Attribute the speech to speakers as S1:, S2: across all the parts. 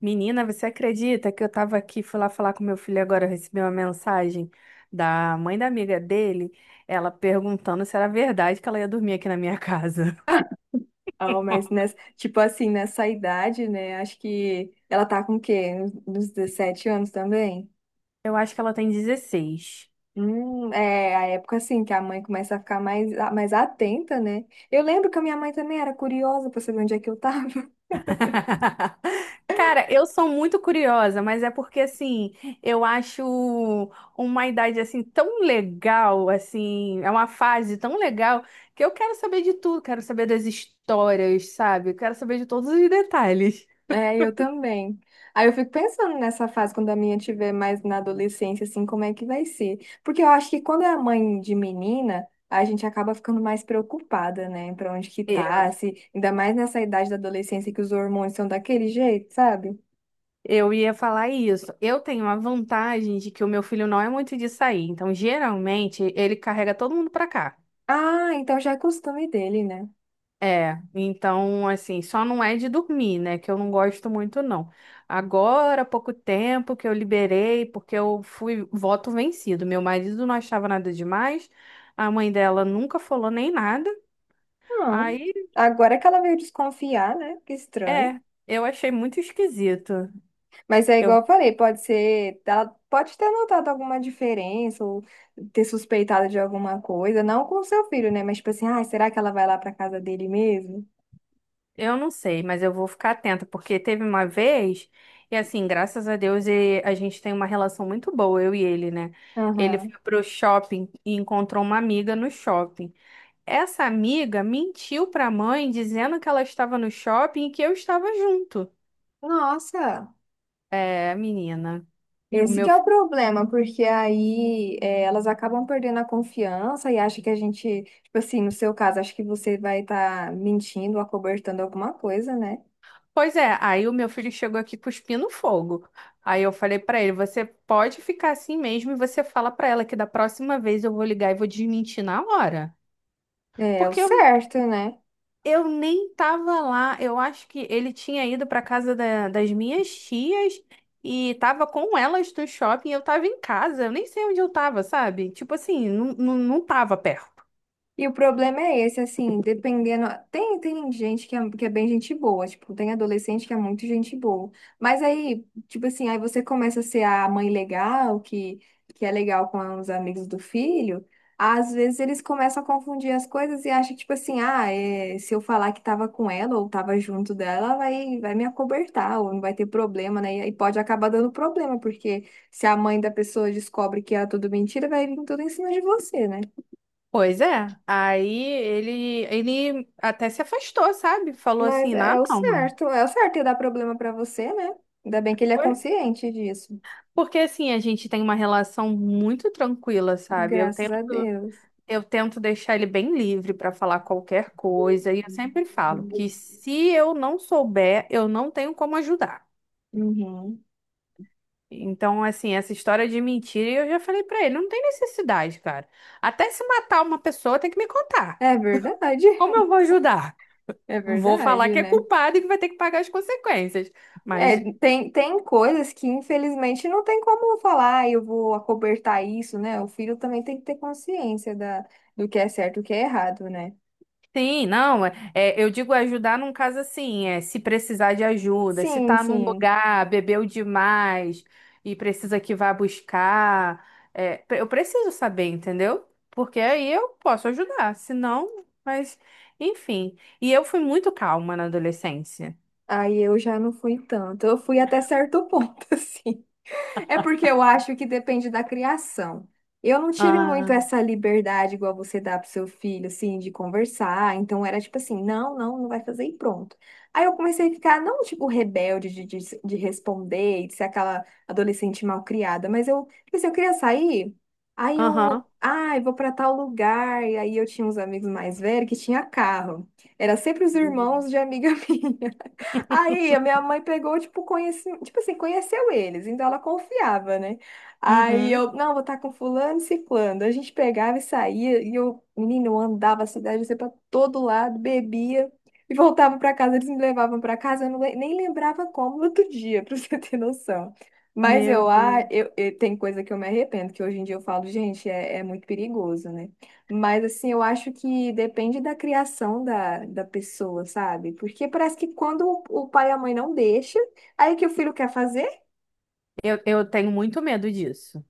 S1: Menina, você acredita que eu tava aqui, fui lá falar com meu filho agora, eu recebi uma mensagem da mãe da amiga dele, ela perguntando se era verdade que ela ia dormir aqui na minha casa.
S2: Ah, mas nessa, tipo assim, nessa idade, né? Acho que ela tá com o quê? Nos 17 anos também?
S1: Eu acho que ela tem 16.
S2: É a época assim que a mãe começa a ficar mais, mais atenta, né? Eu lembro que a minha mãe também era curiosa pra saber onde é que eu tava.
S1: Cara, eu sou muito curiosa, mas é porque assim, eu acho uma idade assim tão legal, assim, é uma fase tão legal que eu quero saber de tudo, quero saber das histórias, sabe? Eu quero saber de todos os detalhes.
S2: É, eu também. Aí eu fico pensando nessa fase, quando a minha tiver mais na adolescência, assim, como é que vai ser? Porque eu acho que quando é mãe de menina, a gente acaba ficando mais preocupada, né? Pra onde que tá, se... Ainda mais nessa idade da adolescência que os hormônios são daquele jeito, sabe?
S1: Eu ia falar isso. Eu tenho a vantagem de que o meu filho não é muito de sair, então geralmente ele carrega todo mundo pra cá.
S2: Ah, então já é costume dele, né?
S1: É, então assim, só não é de dormir, né? Que eu não gosto muito não. Agora, há pouco tempo que eu liberei, porque eu fui voto vencido. Meu marido não achava nada demais, a mãe dela nunca falou nem nada.
S2: Não.
S1: Aí,
S2: Agora que ela veio desconfiar, né? Que estranho.
S1: é, eu achei muito esquisito.
S2: Mas é
S1: Eu
S2: igual eu falei, pode ser, ela pode ter notado alguma diferença ou ter suspeitado de alguma coisa, não com o seu filho, né? Mas tipo assim, ah, será que ela vai lá para casa dele mesmo?
S1: Eu não sei, mas eu vou ficar atenta, porque teve uma vez, e assim, graças a Deus, e a gente tem uma relação muito boa, eu e ele, né? Ele
S2: Aham.
S1: foi pro shopping e encontrou uma amiga no shopping. Essa amiga mentiu pra mãe dizendo que ela estava no shopping e que eu estava junto.
S2: Nossa,
S1: É, menina, o
S2: esse
S1: meu.
S2: que é
S1: fi-
S2: o problema, porque aí é, elas acabam perdendo a confiança e acham que a gente, tipo assim, no seu caso, acho que você vai estar mentindo, acobertando alguma coisa, né?
S1: pois é, aí o meu filho chegou aqui cuspindo fogo. Aí eu falei pra ele, você pode ficar assim mesmo e você fala pra ela que da próxima vez eu vou ligar e vou desmentir na hora.
S2: É, é o
S1: Porque
S2: certo, né?
S1: Eu nem tava lá. Eu acho que ele tinha ido para das minhas tias e tava com elas no shopping. Eu tava em casa. Eu nem sei onde eu tava, sabe? Tipo assim, não tava perto.
S2: E o problema é esse, assim, dependendo. Tem gente que é bem gente boa, tipo, tem adolescente que é muito gente boa. Mas aí, tipo assim, aí você começa a ser a mãe legal, que é legal com os amigos do filho. Às vezes eles começam a confundir as coisas e acham, tipo assim, ah, é, se eu falar que tava com ela ou tava junto dela, ela vai, vai me acobertar, ou não vai ter problema, né? E aí pode acabar dando problema, porque se a mãe da pessoa descobre que é tudo mentira, vai vir tudo em cima de você, né?
S1: Pois é. Aí ele até se afastou, sabe? Falou
S2: Mas
S1: assim, ah, não, mano.
S2: é o certo e dá problema pra você, né? Ainda bem que ele é
S1: Oi?
S2: consciente disso.
S1: Porque assim, a gente tem uma relação muito tranquila, sabe?
S2: Graças a Deus.
S1: Eu tento deixar ele bem livre para falar qualquer coisa, e eu sempre falo que se eu não souber, eu não tenho como ajudar.
S2: Uhum.
S1: Então, assim, essa história de mentira, eu já falei para ele, não tem necessidade, cara. Até se matar uma pessoa, tem que me contar.
S2: É verdade,
S1: Como eu vou ajudar?
S2: é
S1: Vou falar
S2: verdade,
S1: que é
S2: né?
S1: culpado e que vai ter que pagar as consequências. Mas
S2: É, tem, tem coisas que infelizmente não tem como falar, "Ah, eu vou acobertar isso, né? O filho também tem que ter consciência da, do que é certo e o que é errado, né?
S1: Sim, não, eu digo ajudar num caso assim, é se precisar de ajuda, se
S2: Sim,
S1: tá num
S2: sim.
S1: lugar, bebeu demais e precisa que vá buscar, eu preciso saber, entendeu? Porque aí eu posso ajudar, se não, enfim. E eu fui muito calma na adolescência.
S2: Aí eu já não fui tanto. Eu fui até certo ponto, assim. É porque eu acho que depende da criação. Eu não tive muito
S1: Ah,
S2: essa liberdade igual você dá pro seu filho, assim, de conversar. Então era tipo assim, não, não, não vai fazer e pronto. Aí eu comecei a ficar, não tipo rebelde de responder, de ser aquela adolescente mal criada, mas eu, tipo assim, eu queria sair, aí
S1: aham.
S2: eu, ai, vou pra tal lugar. E aí eu tinha uns amigos mais velhos que tinha carro. Era sempre os irmãos de amiga minha. Aí a minha mãe pegou, tipo, conheci... tipo assim, conheceu eles, então ela confiava, né? Aí
S1: Uhum.
S2: eu, não, vou estar com fulano e ciclano. A gente pegava e saía, e eu, menino, eu andava a cidade, você pra todo lado, bebia e voltava pra casa, eles me levavam pra casa, eu não, nem lembrava como no outro dia, pra você ter noção. Mas
S1: Meu
S2: eu,
S1: Deus.
S2: ah, eu, tem coisa que eu me arrependo, que hoje em dia eu falo, gente, é, é muito perigoso, né? Mas assim, eu acho que depende da criação da, da pessoa, sabe? Porque parece que quando o pai e a mãe não deixam, aí que o filho quer fazer?
S1: Eu tenho muito medo disso.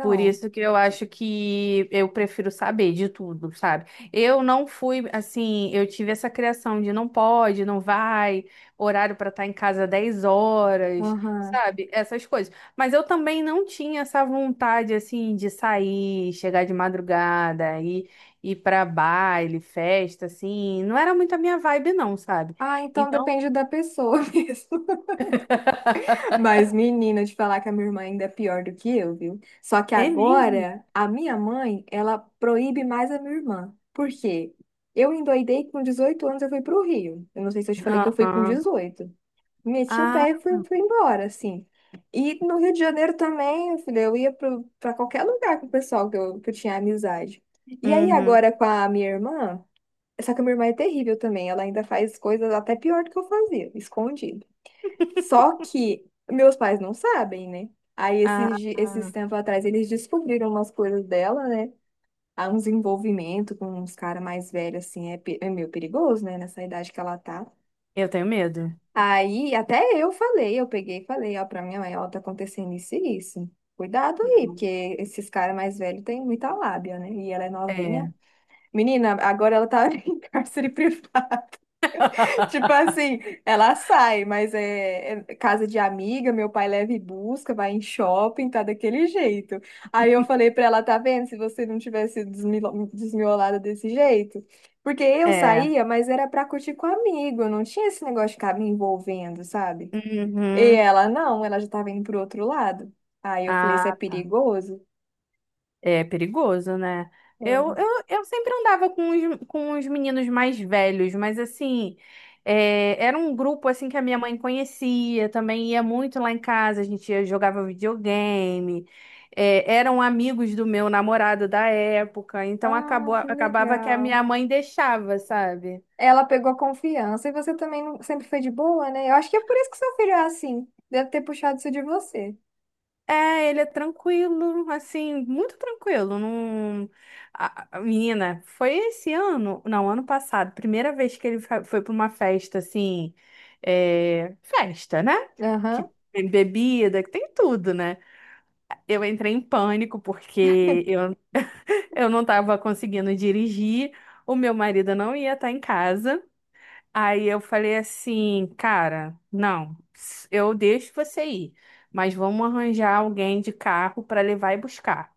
S1: Por isso que eu acho que eu prefiro saber de tudo, sabe? Eu não fui assim, eu tive essa criação de não pode, não vai, horário para estar em casa 10 horas,
S2: aham.
S1: sabe? Essas coisas. Mas eu também não tinha essa vontade assim de sair, chegar de madrugada, ir para baile, festa, assim. Não era muito a minha vibe, não, sabe?
S2: Ah, então
S1: Então,
S2: depende da pessoa mesmo. Mas, menina, de falar que a minha irmã ainda é pior do que eu, viu? Só que
S1: é mesmo.
S2: agora, a minha mãe, ela proíbe mais a minha irmã. Por quê? Eu endoidei com 18 anos, eu fui pro Rio. Eu não sei se eu te falei que eu fui com
S1: Aham.
S2: 18. Meti o
S1: Ah,
S2: pé e fui, fui embora, assim. E no Rio de Janeiro também, eu falei, eu ia para qualquer lugar com o pessoal que eu tinha amizade. E aí
S1: uhum.
S2: agora com a minha irmã, só que a minha irmã é terrível também, ela ainda faz coisas até pior do que eu fazia, escondido. Só que meus pais não sabem, né? Aí esses,
S1: Ah.
S2: esses tempos atrás eles descobriram umas coisas dela, né? Há uns envolvimento com uns caras mais velhos, assim, é, é meio perigoso, né? Nessa idade que ela tá.
S1: Eu tenho medo.
S2: Aí até eu falei, eu peguei e falei, ó, pra minha mãe, ó, tá acontecendo isso e isso. Cuidado aí,
S1: Não.
S2: porque esses caras mais velhos têm muita lábia, né? E ela é
S1: É.
S2: novinha. Menina, agora ela tá em cárcere privado. Tipo assim, ela sai, mas é, é casa de amiga, meu pai leva e busca, vai em shopping, tá daquele jeito. Aí eu falei pra ela, tá vendo? Se você não tivesse desmiolada desse jeito. Porque eu
S1: É.
S2: saía, mas era pra curtir com amigo, eu não tinha esse negócio de ficar me envolvendo, sabe? E
S1: Uhum.
S2: ela, não, ela já estava indo pro outro lado. Aí eu falei, isso é
S1: Ah,
S2: perigoso?
S1: é perigoso, né?
S2: Ela,
S1: Eu sempre andava com os meninos mais velhos, mas assim, é, era um grupo assim que a minha mãe conhecia, também ia muito lá em casa, jogava videogame, é, eram amigos do meu namorado da época, então
S2: ah, que
S1: acabava que a
S2: legal.
S1: minha mãe deixava, sabe?
S2: Ela pegou confiança e você também sempre foi de boa, né? Eu acho que é por isso que seu filho é assim. Deve ter puxado isso de você.
S1: É, ele é tranquilo, assim, muito tranquilo. Não... menina, foi esse ano, não, ano passado, primeira vez que foi para uma festa, assim, é, festa, né? Que
S2: Aham.
S1: tem bebida, que tem tudo, né? Eu entrei em pânico porque eu não estava conseguindo dirigir, o meu marido não ia estar em casa. Aí eu falei assim, cara, não, eu deixo você ir, mas vamos arranjar alguém de carro para levar e buscar,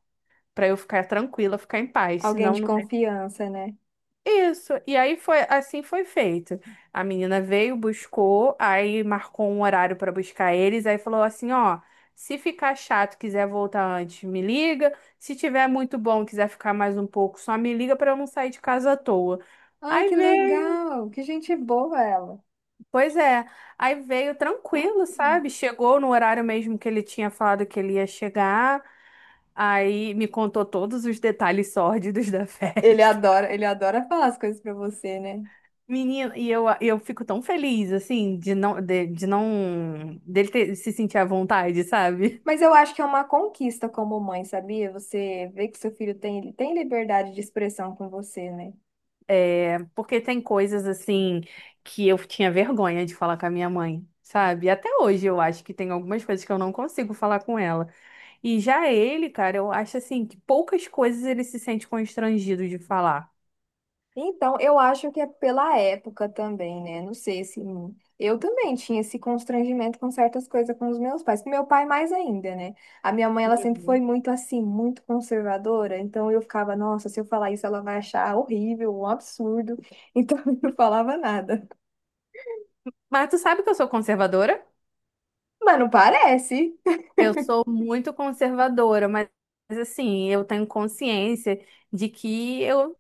S1: para eu ficar tranquila, ficar em paz,
S2: Alguém
S1: senão
S2: de
S1: não tem.
S2: confiança, né?
S1: Isso. E aí foi, assim foi feito. A menina veio, buscou, aí marcou um horário para buscar eles, aí falou assim, ó, se ficar chato, quiser voltar antes, me liga. Se tiver muito bom, quiser ficar mais um pouco, só me liga para eu não sair de casa à toa.
S2: Ai,
S1: Aí
S2: que
S1: veio
S2: legal. Que gente boa ela.
S1: Pois é, aí veio tranquilo, sabe? Chegou no horário mesmo que ele tinha falado que ele ia chegar, aí me contou todos os detalhes sórdidos da festa.
S2: Ele adora falar as coisas pra você, né?
S1: Menina, e eu fico tão feliz, assim, de não, dele se sentir à vontade, sabe?
S2: Mas eu acho que é uma conquista como mãe, sabia? Você vê que seu filho tem, ele tem liberdade de expressão com você, né?
S1: É, porque tem coisas, assim, que eu tinha vergonha de falar com a minha mãe, sabe? Até hoje eu acho que tem algumas coisas que eu não consigo falar com ela. E já ele, cara, eu acho assim que poucas coisas ele se sente constrangido de falar.
S2: Então, eu acho que é pela época também, né? Não sei se. Eu também tinha esse constrangimento com certas coisas com os meus pais, com meu pai mais ainda, né? A minha mãe, ela sempre
S1: Uhum.
S2: foi muito assim, muito conservadora, então eu ficava, nossa, se eu falar isso, ela vai achar horrível, um absurdo, então eu não falava nada.
S1: Mas tu sabe que eu sou conservadora?
S2: Mas não parece.
S1: Eu sou muito conservadora, assim, eu tenho consciência de que eu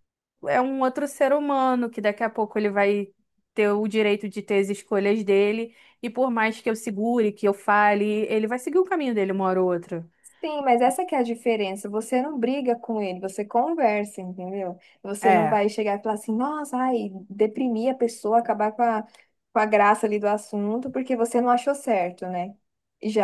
S1: é um outro ser humano, que daqui a pouco ele vai ter o direito de ter as escolhas dele, e por mais que eu segure, que eu fale, ele vai seguir o caminho dele uma hora ou outra.
S2: Sim, mas essa que é a diferença. Você não briga com ele, você conversa, entendeu? Você não
S1: É.
S2: vai chegar e falar assim, nossa, ai, deprimir a pessoa, acabar com a graça ali do assunto, porque você não achou certo, né?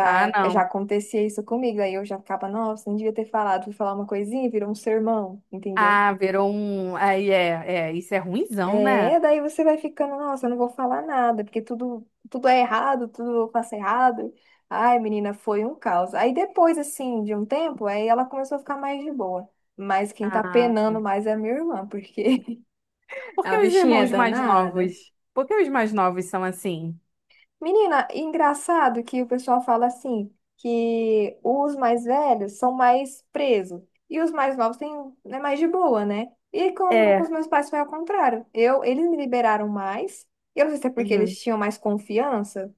S1: Ah,
S2: já
S1: não.
S2: acontecia isso comigo, aí eu já ficava, nossa, não devia ter falado, fui falar uma coisinha, virou um sermão, entendeu?
S1: Ah, virou um. Isso é ruinzão, né?
S2: É, daí você vai ficando, nossa, eu não vou falar nada, porque tudo, tudo é errado, tudo eu faço errado. Ai, menina, foi um caos. Aí depois, assim, de um tempo, aí ela começou a ficar mais de boa. Mas quem tá
S1: Ah,
S2: penando mais é a minha irmã, porque
S1: por que
S2: a
S1: os
S2: bichinha é
S1: irmãos mais
S2: danada.
S1: novos? Por que os mais novos são assim?
S2: Menina, engraçado que o pessoal fala assim, que os mais velhos são mais presos e os mais novos têm, é mais de boa, né? E com
S1: É.
S2: os meus pais foi ao contrário. Eu, eles me liberaram mais. Eu não sei se é porque
S1: Uhum.
S2: eles tinham mais confiança,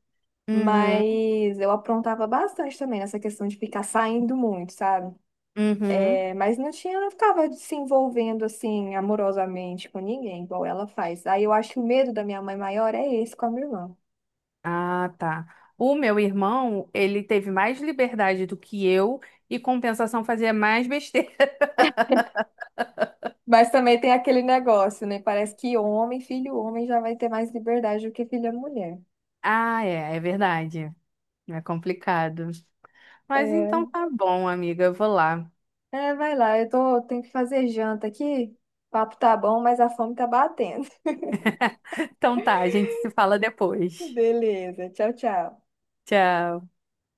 S1: Uhum.
S2: mas eu aprontava bastante também nessa questão de ficar saindo muito, sabe?
S1: Uhum.
S2: É, mas não tinha, não ficava se envolvendo assim amorosamente com ninguém, igual ela faz. Aí eu acho que o medo da minha mãe maior é esse com a minha irmã.
S1: Ah, tá. O meu irmão, ele teve mais liberdade do que eu e compensação fazia mais besteira.
S2: Mas também tem aquele negócio, né? Parece que homem, filho homem, já vai ter mais liberdade do que filha mulher.
S1: Ah, é, é verdade. É complicado. Mas então
S2: É,
S1: tá bom, amiga, eu vou lá.
S2: é, vai lá, eu tô, tenho que fazer janta aqui. O papo tá bom, mas a fome tá batendo.
S1: Então tá, a gente se fala depois.
S2: Beleza, tchau, tchau.
S1: Tchau.